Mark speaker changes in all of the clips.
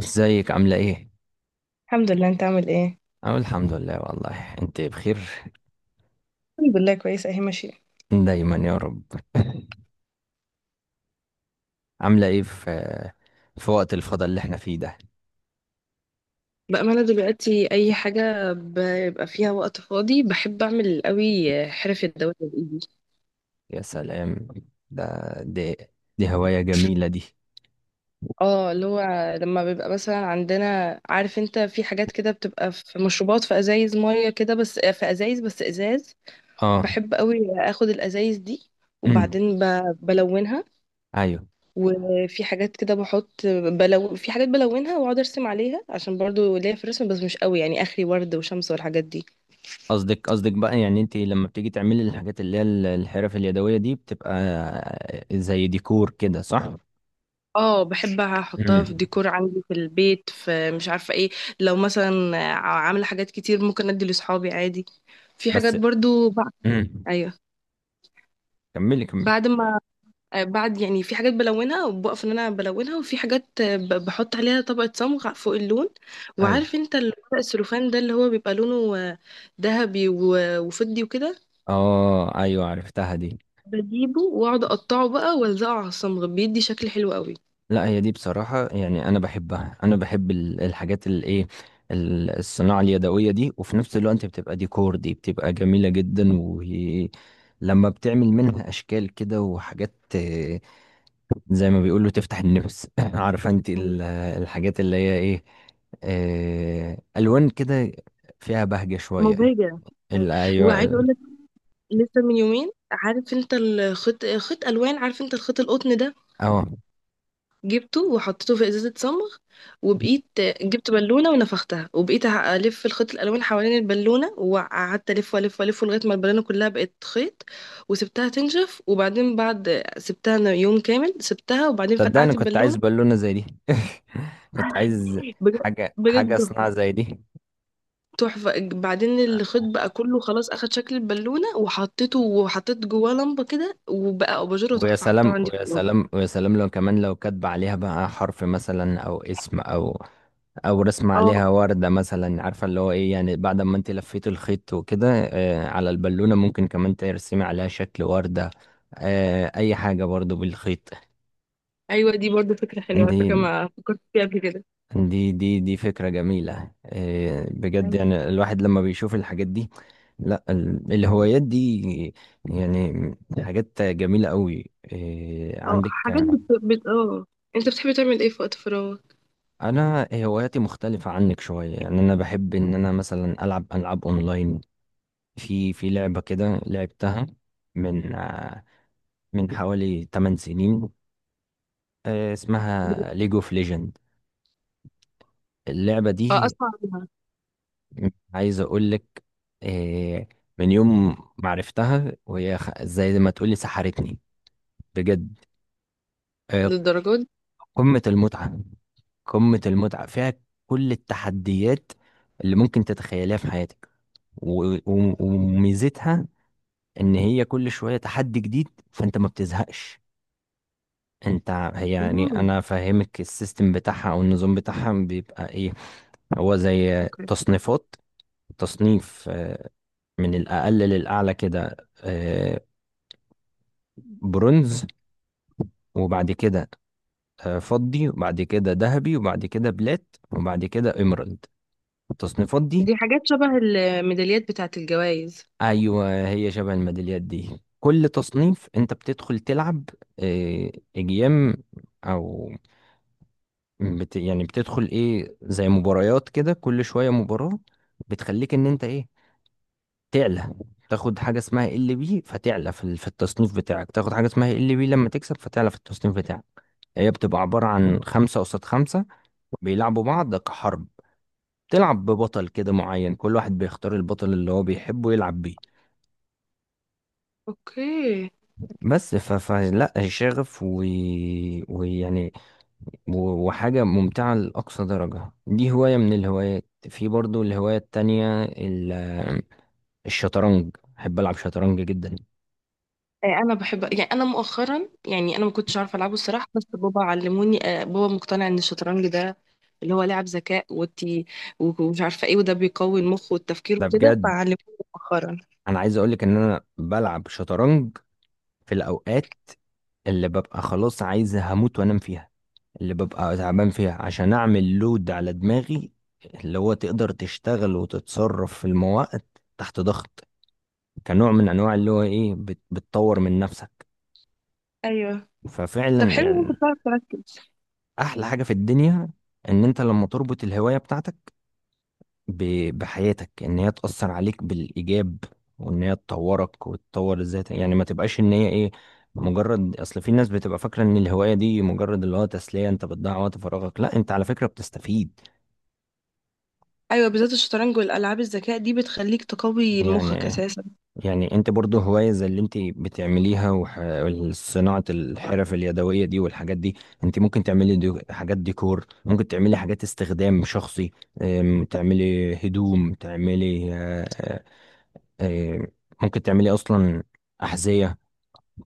Speaker 1: ازيك عاملة ايه؟
Speaker 2: الحمد لله. انت عامل ايه؟
Speaker 1: أقول الحمد لله. والله انت بخير
Speaker 2: الحمد لله، كويس اهي ماشيه.
Speaker 1: دايما يا رب. عاملة ايه في وقت الفضا اللي احنا فيه ده.
Speaker 2: بأمانة دلوقتي أي حاجة بيبقى فيها وقت فاضي بحب أعمل قوي حرف الدوائر بإيدي.
Speaker 1: يا سلام. ده دي دي هواية جميلة دي.
Speaker 2: اه، اللي هو لما بيبقى مثلا عندنا، عارف انت، في حاجات كده بتبقى، في مشروبات، في أزايز مية كده، بس في أزايز، بس إزاز.
Speaker 1: اه.
Speaker 2: بحب قوي أخد الأزايز دي،
Speaker 1: أمم،
Speaker 2: وبعدين بلونها.
Speaker 1: ايوه.
Speaker 2: وفي حاجات كده بحط بلون، في حاجات بلونها واقعد ارسم عليها، عشان برضو ليا في الرسم بس مش قوي يعني، اخري ورد وشمس والحاجات دي.
Speaker 1: قصدك بقى، يعني انت لما بتيجي تعملي الحاجات اللي هي الحرف اليدوية دي، بتبقى زي ديكور كده، صح؟
Speaker 2: اه، بحب احطها في
Speaker 1: أمم،
Speaker 2: ديكور عندي في البيت، في مش عارفه ايه. لو مثلا عامله حاجات كتير ممكن ادي لاصحابي عادي. في حاجات
Speaker 1: بس
Speaker 2: برضو بعد.
Speaker 1: أمم،
Speaker 2: ايوه.
Speaker 1: كملي كملي.
Speaker 2: بعد ما بعد يعني في حاجات بلونها وبقف ان انا بلونها، وفي حاجات بحط عليها طبقه صمغ فوق اللون.
Speaker 1: ايوه.
Speaker 2: وعارف انت الورق السلوفان ده اللي هو بيبقى لونه ذهبي وفضي وكده.
Speaker 1: اه ايوه، عرفتها دي.
Speaker 2: بجيبه واقعد اقطعه بقى والزقه على الصمغ بيدي، شكل حلو قوي.
Speaker 1: لا هي دي بصراحة، يعني أنا بحبها، أنا بحب الحاجات اللي إيه، الصناعة اليدوية دي، وفي نفس الوقت بتبقى ديكور، دي بتبقى جميلة جدا، وهي لما بتعمل منها أشكال كده وحاجات. زي ما بيقولوا تفتح النفس. عارفة أنت الحاجات اللي هي إيه، ألوان كده، فيها بهجة شوية.
Speaker 2: مبهجة. أيوة.
Speaker 1: أيوه
Speaker 2: وعايزة اقول، لسه من يومين، عارف انت الخيط، خيط الوان، عارف انت الخيط القطن ده،
Speaker 1: أه.
Speaker 2: جبته وحطيته في ازازه صمغ وبقيت، جبت بالونه ونفختها وبقيت الف الخيط الالوان حوالين البالونه، وقعدت الف والف والف لغايه ما البالونه كلها بقت خيط. وسبتها تنشف، وبعدين بعد سبتها أنا يوم كامل سبتها، وبعدين
Speaker 1: صدقني
Speaker 2: فرقعت
Speaker 1: كنت عايز
Speaker 2: البالونه.
Speaker 1: بالونة زي دي. كنت عايز
Speaker 2: بجد.
Speaker 1: حاجة
Speaker 2: بجد
Speaker 1: حاجة
Speaker 2: تحفه.
Speaker 1: صناعة زي دي.
Speaker 2: تحفه، بعدين الخيط بقى كله خلاص اخد شكل البالونه، وحطيته وحطيت جواه لمبه كده، وبقى اباجوره
Speaker 1: ويا
Speaker 2: تحفه حطها
Speaker 1: سلام
Speaker 2: عندي في
Speaker 1: ويا
Speaker 2: الاوضه.
Speaker 1: سلام ويا سلام لو كمان، لو كاتبة عليها بقى حرف مثلا او اسم او او رسمة
Speaker 2: اه،
Speaker 1: عليها وردة مثلا، عارفة اللي هو ايه، يعني بعد ما انت لفيت الخيط وكده، على البالونة ممكن كمان ترسمي عليها شكل وردة، اي حاجة برضو بالخيط.
Speaker 2: ايوه، دي برضو فكره حلوه على
Speaker 1: دي
Speaker 2: فكره، ما فكرت فيها قبل كده.
Speaker 1: دي فكرة جميلة. بجد،
Speaker 2: أيوة.
Speaker 1: يعني الواحد لما بيشوف الحاجات دي، لا الهوايات دي يعني حاجات جميلة قوي. إيه،
Speaker 2: او
Speaker 1: عندك؟
Speaker 2: حاجات بت... بت... اه انت بتحبي تعمل ايه في وقت فراغ؟
Speaker 1: انا هواياتي مختلفة عنك شوية، يعني انا بحب ان انا مثلا العب العاب اونلاين. في لعبة كده لعبتها من من حوالي 8 سنين، اسمها ليج اوف ليجند اللعبة
Speaker 2: اه،
Speaker 1: دي.
Speaker 2: اسمع عنها.
Speaker 1: عايز اقول لك، آه، من يوم ما عرفتها وهي زي ما تقولي سحرتني، بجد. آه،
Speaker 2: للدرجات دي؟
Speaker 1: قمة المتعة، قمة المتعة فيها، كل التحديات اللي ممكن تتخيليها في حياتك، و- و- وميزتها ان هي كل شويه تحدي جديد، فانت ما بتزهقش. انت، هي يعني
Speaker 2: مم.
Speaker 1: انا فاهمك السيستم بتاعها او النظام بتاعها بيبقى ايه. هو زي
Speaker 2: اوكي.
Speaker 1: تصنيفات، تصنيف من الأقل للأعلى كده، آه، برونز، وبعد كده فضي، وبعد كده ذهبي، وبعد كده بلات، وبعد كده إيمرالد، التصنيفات دي.
Speaker 2: دي حاجات شبه الميداليات بتاعت الجوائز.
Speaker 1: أيوة هي شبه الميداليات دي، كل تصنيف أنت بتدخل تلعب، آه، أجيام، أو بت يعني بتدخل ايه زي مباريات كده، كل شوية مباراة بتخليك ان انت ايه، تعلى، تاخد حاجة اسمها ال بي، فتعلى في في التصنيف بتاعك. تاخد حاجة اسمها ال بي لما تكسب، فتعلى في التصنيف بتاعك. هي بتبقى عبارة عن خمسة قصاد خمسة، بيلعبوا بعض كحرب، تلعب ببطل كده معين، كل واحد بيختار البطل اللي هو بيحبه يلعب بيه.
Speaker 2: اوكي.
Speaker 1: بس ف... فلا شغف ويعني، و- و-حاجة ممتعة لأقصى درجة. دي هواية من الهوايات. في برضو الهواية التانية الشطرنج، بحب ألعب شطرنج جدا.
Speaker 2: انا بحب، يعني انا مؤخرا، يعني انا ما كنتش عارفه العبه الصراحه، بس بابا علموني. بابا مقتنع ان الشطرنج ده اللي هو لعب ذكاء وتي، ومش عارفه ايه، وده بيقوي المخ والتفكير
Speaker 1: ده
Speaker 2: وكده،
Speaker 1: بجد.
Speaker 2: فعلموني مؤخرا.
Speaker 1: أنا عايز أقولك إن أنا بلعب شطرنج في الأوقات اللي ببقى خلاص عايز هموت وأنام فيها، اللي ببقى تعبان فيها، عشان أعمل لود على دماغي، اللي هو تقدر تشتغل وتتصرف في المواقف تحت ضغط، كنوع من أنواع اللي هو إيه، بتطور من نفسك.
Speaker 2: ايوه. طب،
Speaker 1: ففعلا
Speaker 2: حلو ان
Speaker 1: يعني
Speaker 2: انت بتعرف تركز.
Speaker 1: احلى حاجه في الدنيا ان انت لما تربط الهوايه بتاعتك بحياتك، ان هي تاثر عليك بالايجاب، وان هي تطورك وتطور ذاتك، يعني ما تبقاش ان هي ايه مجرد. اصل في ناس بتبقى فاكره ان الهوايه دي مجرد اللي هو تسليه، انت بتضيع وقت فراغك، لا، انت على فكره بتستفيد.
Speaker 2: ايوه، بالذات الشطرنج والالعاب الذكاء دي بتخليك تقوي مخك
Speaker 1: يعني
Speaker 2: اساسا.
Speaker 1: يعني انت برضو هواية زي اللي انت بتعمليها، وصناعة الحرف اليدوية دي والحاجات دي، انت ممكن تعملي دي حاجات ديكور، ممكن تعملي حاجات استخدام شخصي، تعملي هدوم، تعملي اه، ممكن تعملي اصلا احذية،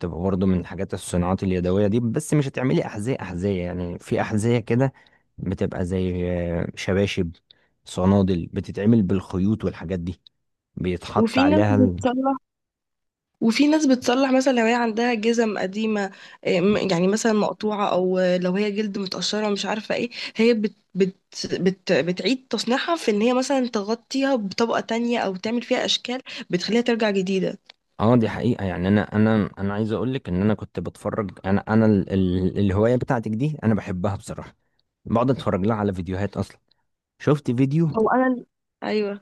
Speaker 1: تبقى برضو من حاجات الصناعات اليدوية دي. بس مش هتعملي احذية احذية، يعني في احذية كده بتبقى زي شباشب، صنادل، بتتعمل بالخيوط والحاجات دي، بيتحط
Speaker 2: وفي ناس
Speaker 1: عليها.
Speaker 2: بتصلح، وفي ناس بتصلح مثلا لو هي عندها جزم قديمه، إيه، يعني مثلا مقطوعه، او لو هي جلد متقشره مش عارفه ايه. هي بت بت بت بتعيد تصنيعها، في ان هي مثلا تغطيها بطبقه تانية، او تعمل فيها اشكال بتخليها ترجع جديده.
Speaker 1: اه دي حقيقة، يعني انا عايز اقول لك ان انا كنت بتفرج، انا ال الهواية بتاعتك دي انا بحبها بصراحة، بقعد اتفرج لها على فيديوهات اصلا. شفت فيديو
Speaker 2: هو انا ايوه.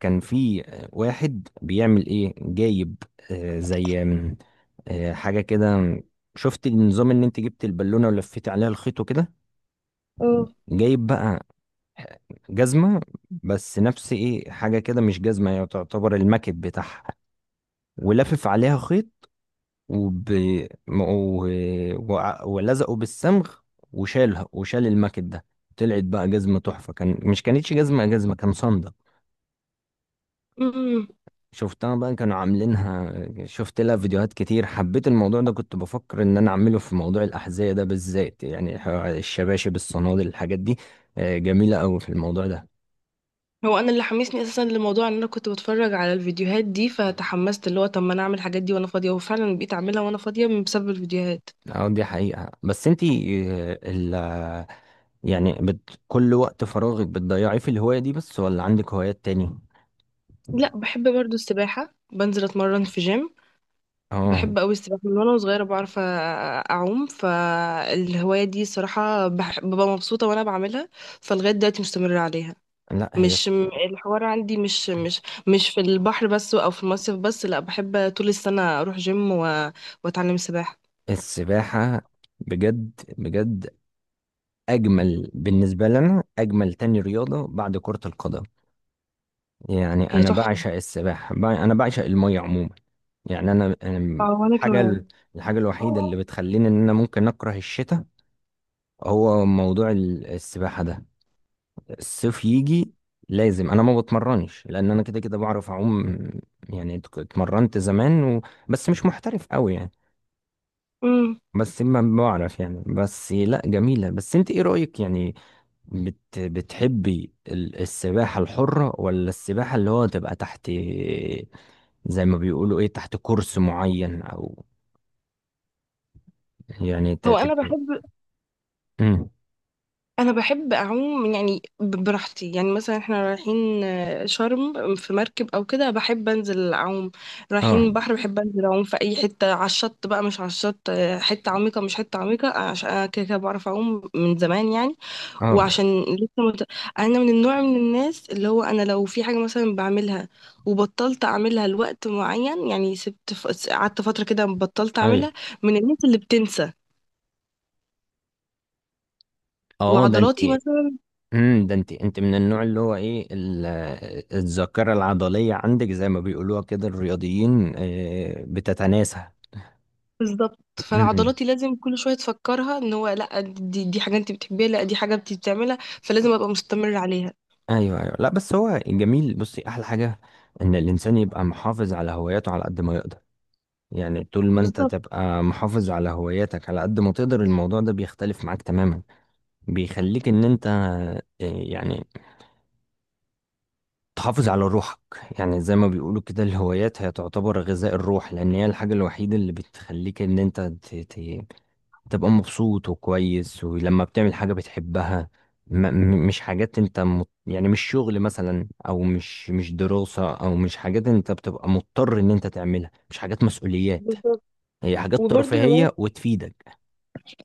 Speaker 1: كان فيه واحد بيعمل ايه، جايب زي حاجة كده. شفت النظام ان انت جبت البالونة ولفيت عليها الخيط وكده، جايب بقى آه، جزمة، بس نفس ايه، حاجة كده مش جزمة، هي تعتبر المكب بتاعها، ولافف عليها خيط، وب... م- و... وع- ولزقوا بالصمغ، وشالها وشال الماكت ده، طلعت بقى جزمة تحفة. كان مش كانتش جزمة جزمة، كان صندل.
Speaker 2: اه.
Speaker 1: شفتها بقى كانوا عاملينها، شفت لها فيديوهات كتير، حبيت الموضوع ده، كنت بفكر ان انا اعمله في موضوع الأحذية ده بالذات، يعني الشباشب الصنادل الحاجات دي. جميلة قوي في الموضوع ده.
Speaker 2: هو انا اللي حمسني اساسا للموضوع، ان انا كنت بتفرج على الفيديوهات دي فتحمست اللي هو، طب ما انا اعمل الحاجات دي وانا فاضيه، وفعلا بقيت اعملها وانا فاضيه من بسبب الفيديوهات.
Speaker 1: اه دي حقيقة. بس انتي، آه، ال يعني بت، كل وقت فراغك بتضيعيه في الهواية دي بس، ولا عندك هوايات تاني؟
Speaker 2: لا، بحب برضو السباحه، بنزل اتمرن في جيم.
Speaker 1: اه.
Speaker 2: بحب قوي السباحه من وانا صغيره، بعرف اعوم، فالهوايه دي صراحه ببقى مبسوطه وانا بعملها، فلغايه دلوقتي مستمره عليها.
Speaker 1: لا هي
Speaker 2: مش م- الحوار عندي مش في البحر بس او في المصيف بس، لا بحب طول السنه اروح جيم واتعلم سباحه.
Speaker 1: السباحة بجد بجد أجمل بالنسبة لنا، أجمل تاني رياضة بعد كرة القدم. يعني
Speaker 2: هي
Speaker 1: أنا
Speaker 2: تحفه.
Speaker 1: بعشق السباحة، أنا بعشق المية عموما. يعني أنا
Speaker 2: اه،
Speaker 1: أنا
Speaker 2: وانا
Speaker 1: الحاجة
Speaker 2: كمان.
Speaker 1: الحاجة الوحيدة اللي بتخليني إن أنا ممكن أكره الشتاء، هو موضوع السباحة ده. الصيف يجي لازم. أنا ما بتمرنش لأن أنا كده كده بعرف أعوم، يعني اتمرنت زمان بس مش محترف قوي يعني.
Speaker 2: مم.
Speaker 1: بس ما بعرف يعني، بس لا جميلة. بس انت ايه رأيك يعني، بتحبي السباحة الحرة ولا السباحة اللي هو تبقى تحت، زي ما بيقولوا ايه، تحت كورس معين، او يعني
Speaker 2: هو انا
Speaker 1: تبقى.
Speaker 2: بحب
Speaker 1: مم.
Speaker 2: انا بحب اعوم، يعني براحتي، يعني مثلا احنا رايحين شرم في مركب او كده، بحب انزل اعوم.
Speaker 1: اه.
Speaker 2: رايحين بحر بحب انزل اعوم في اي حته، على الشط بقى مش على الشط، حته عميقه مش حته عميقه، عشان انا كده كده بعرف اعوم من زمان يعني.
Speaker 1: اه.
Speaker 2: وعشان لسه انا من النوع من الناس، اللي هو انا لو في حاجه مثلا بعملها وبطلت اعملها لوقت معين، يعني سبت قعدت فتره كده بطلت
Speaker 1: ايوه.
Speaker 2: اعملها، من الناس اللي بتنسى
Speaker 1: اه ده انت.
Speaker 2: وعضلاتي.
Speaker 1: ده انت، انت من النوع اللي هو ايه، الذاكرة العضلية عندك زي ما بيقولوها كده الرياضيين، بتتناسى.
Speaker 2: بالظبط، فانا
Speaker 1: امم.
Speaker 2: عضلاتي لازم كل شويه تفكرها ان هو لا، دي حاجه انت بتحبيها، لا دي حاجه انت بتعملها، فلازم ابقى مستمر عليها.
Speaker 1: ايوه ايوه، لا بس هو جميل. بصي احلى حاجة ان الانسان يبقى محافظ على هواياته على قد ما يقدر، يعني طول ما انت
Speaker 2: بالظبط.
Speaker 1: تبقى محافظ على هواياتك على قد ما تقدر، الموضوع ده بيختلف معاك تماما. بيخليك ان انت يعني تحافظ على روحك، يعني زي ما بيقولوا كده، الهوايات هي تعتبر غذاء الروح، لان هي الحاجة الوحيدة اللي بتخليك ان انت تبقى مبسوط وكويس، ولما بتعمل حاجة بتحبها م- مش حاجات انت يعني مش شغل مثلا، او مش مش دراسة، او مش حاجات انت بتبقى مضطر ان انت تعملها، مش حاجات مسؤوليات،
Speaker 2: بالظبط.
Speaker 1: هي حاجات
Speaker 2: وبرضه الهوايات
Speaker 1: ترفيهية وتفيدك.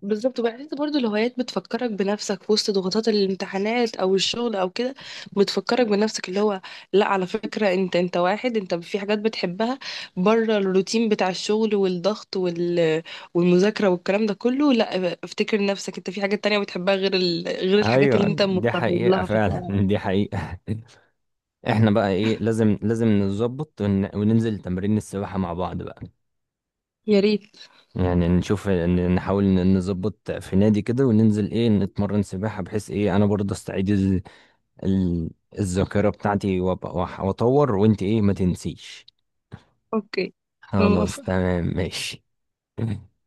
Speaker 2: بالظبط، وبحس برضه الهوايات بتفكرك بنفسك في وسط ضغوطات الامتحانات او الشغل او كده، بتفكرك بنفسك اللي هو لا، على فكره انت واحد، انت في حاجات بتحبها بره الروتين بتاع الشغل والضغط والمذاكره والكلام ده كله، لا، افتكر نفسك انت في حاجات تانية بتحبها غير غير الحاجات
Speaker 1: ايوه
Speaker 2: اللي انت
Speaker 1: دي
Speaker 2: مضطر
Speaker 1: حقيقة
Speaker 2: لها في
Speaker 1: فعلا.
Speaker 2: الحياه.
Speaker 1: دي حقيقة. احنا بقى ايه، لازم نظبط، وننزل تمرين السباحة مع بعض بقى.
Speaker 2: يا ريت.
Speaker 1: يعني نشوف، نحاول نظبط في نادي كده، وننزل ايه، نتمرن سباحة، بحيث ايه انا برضه استعيد ال... الذاكرة بتاعتي، وأبقى- وأح- واطور. وانت ايه، ما تنسيش.
Speaker 2: اوكي. انا
Speaker 1: خلاص
Speaker 2: موافقة.
Speaker 1: تمام ماشي.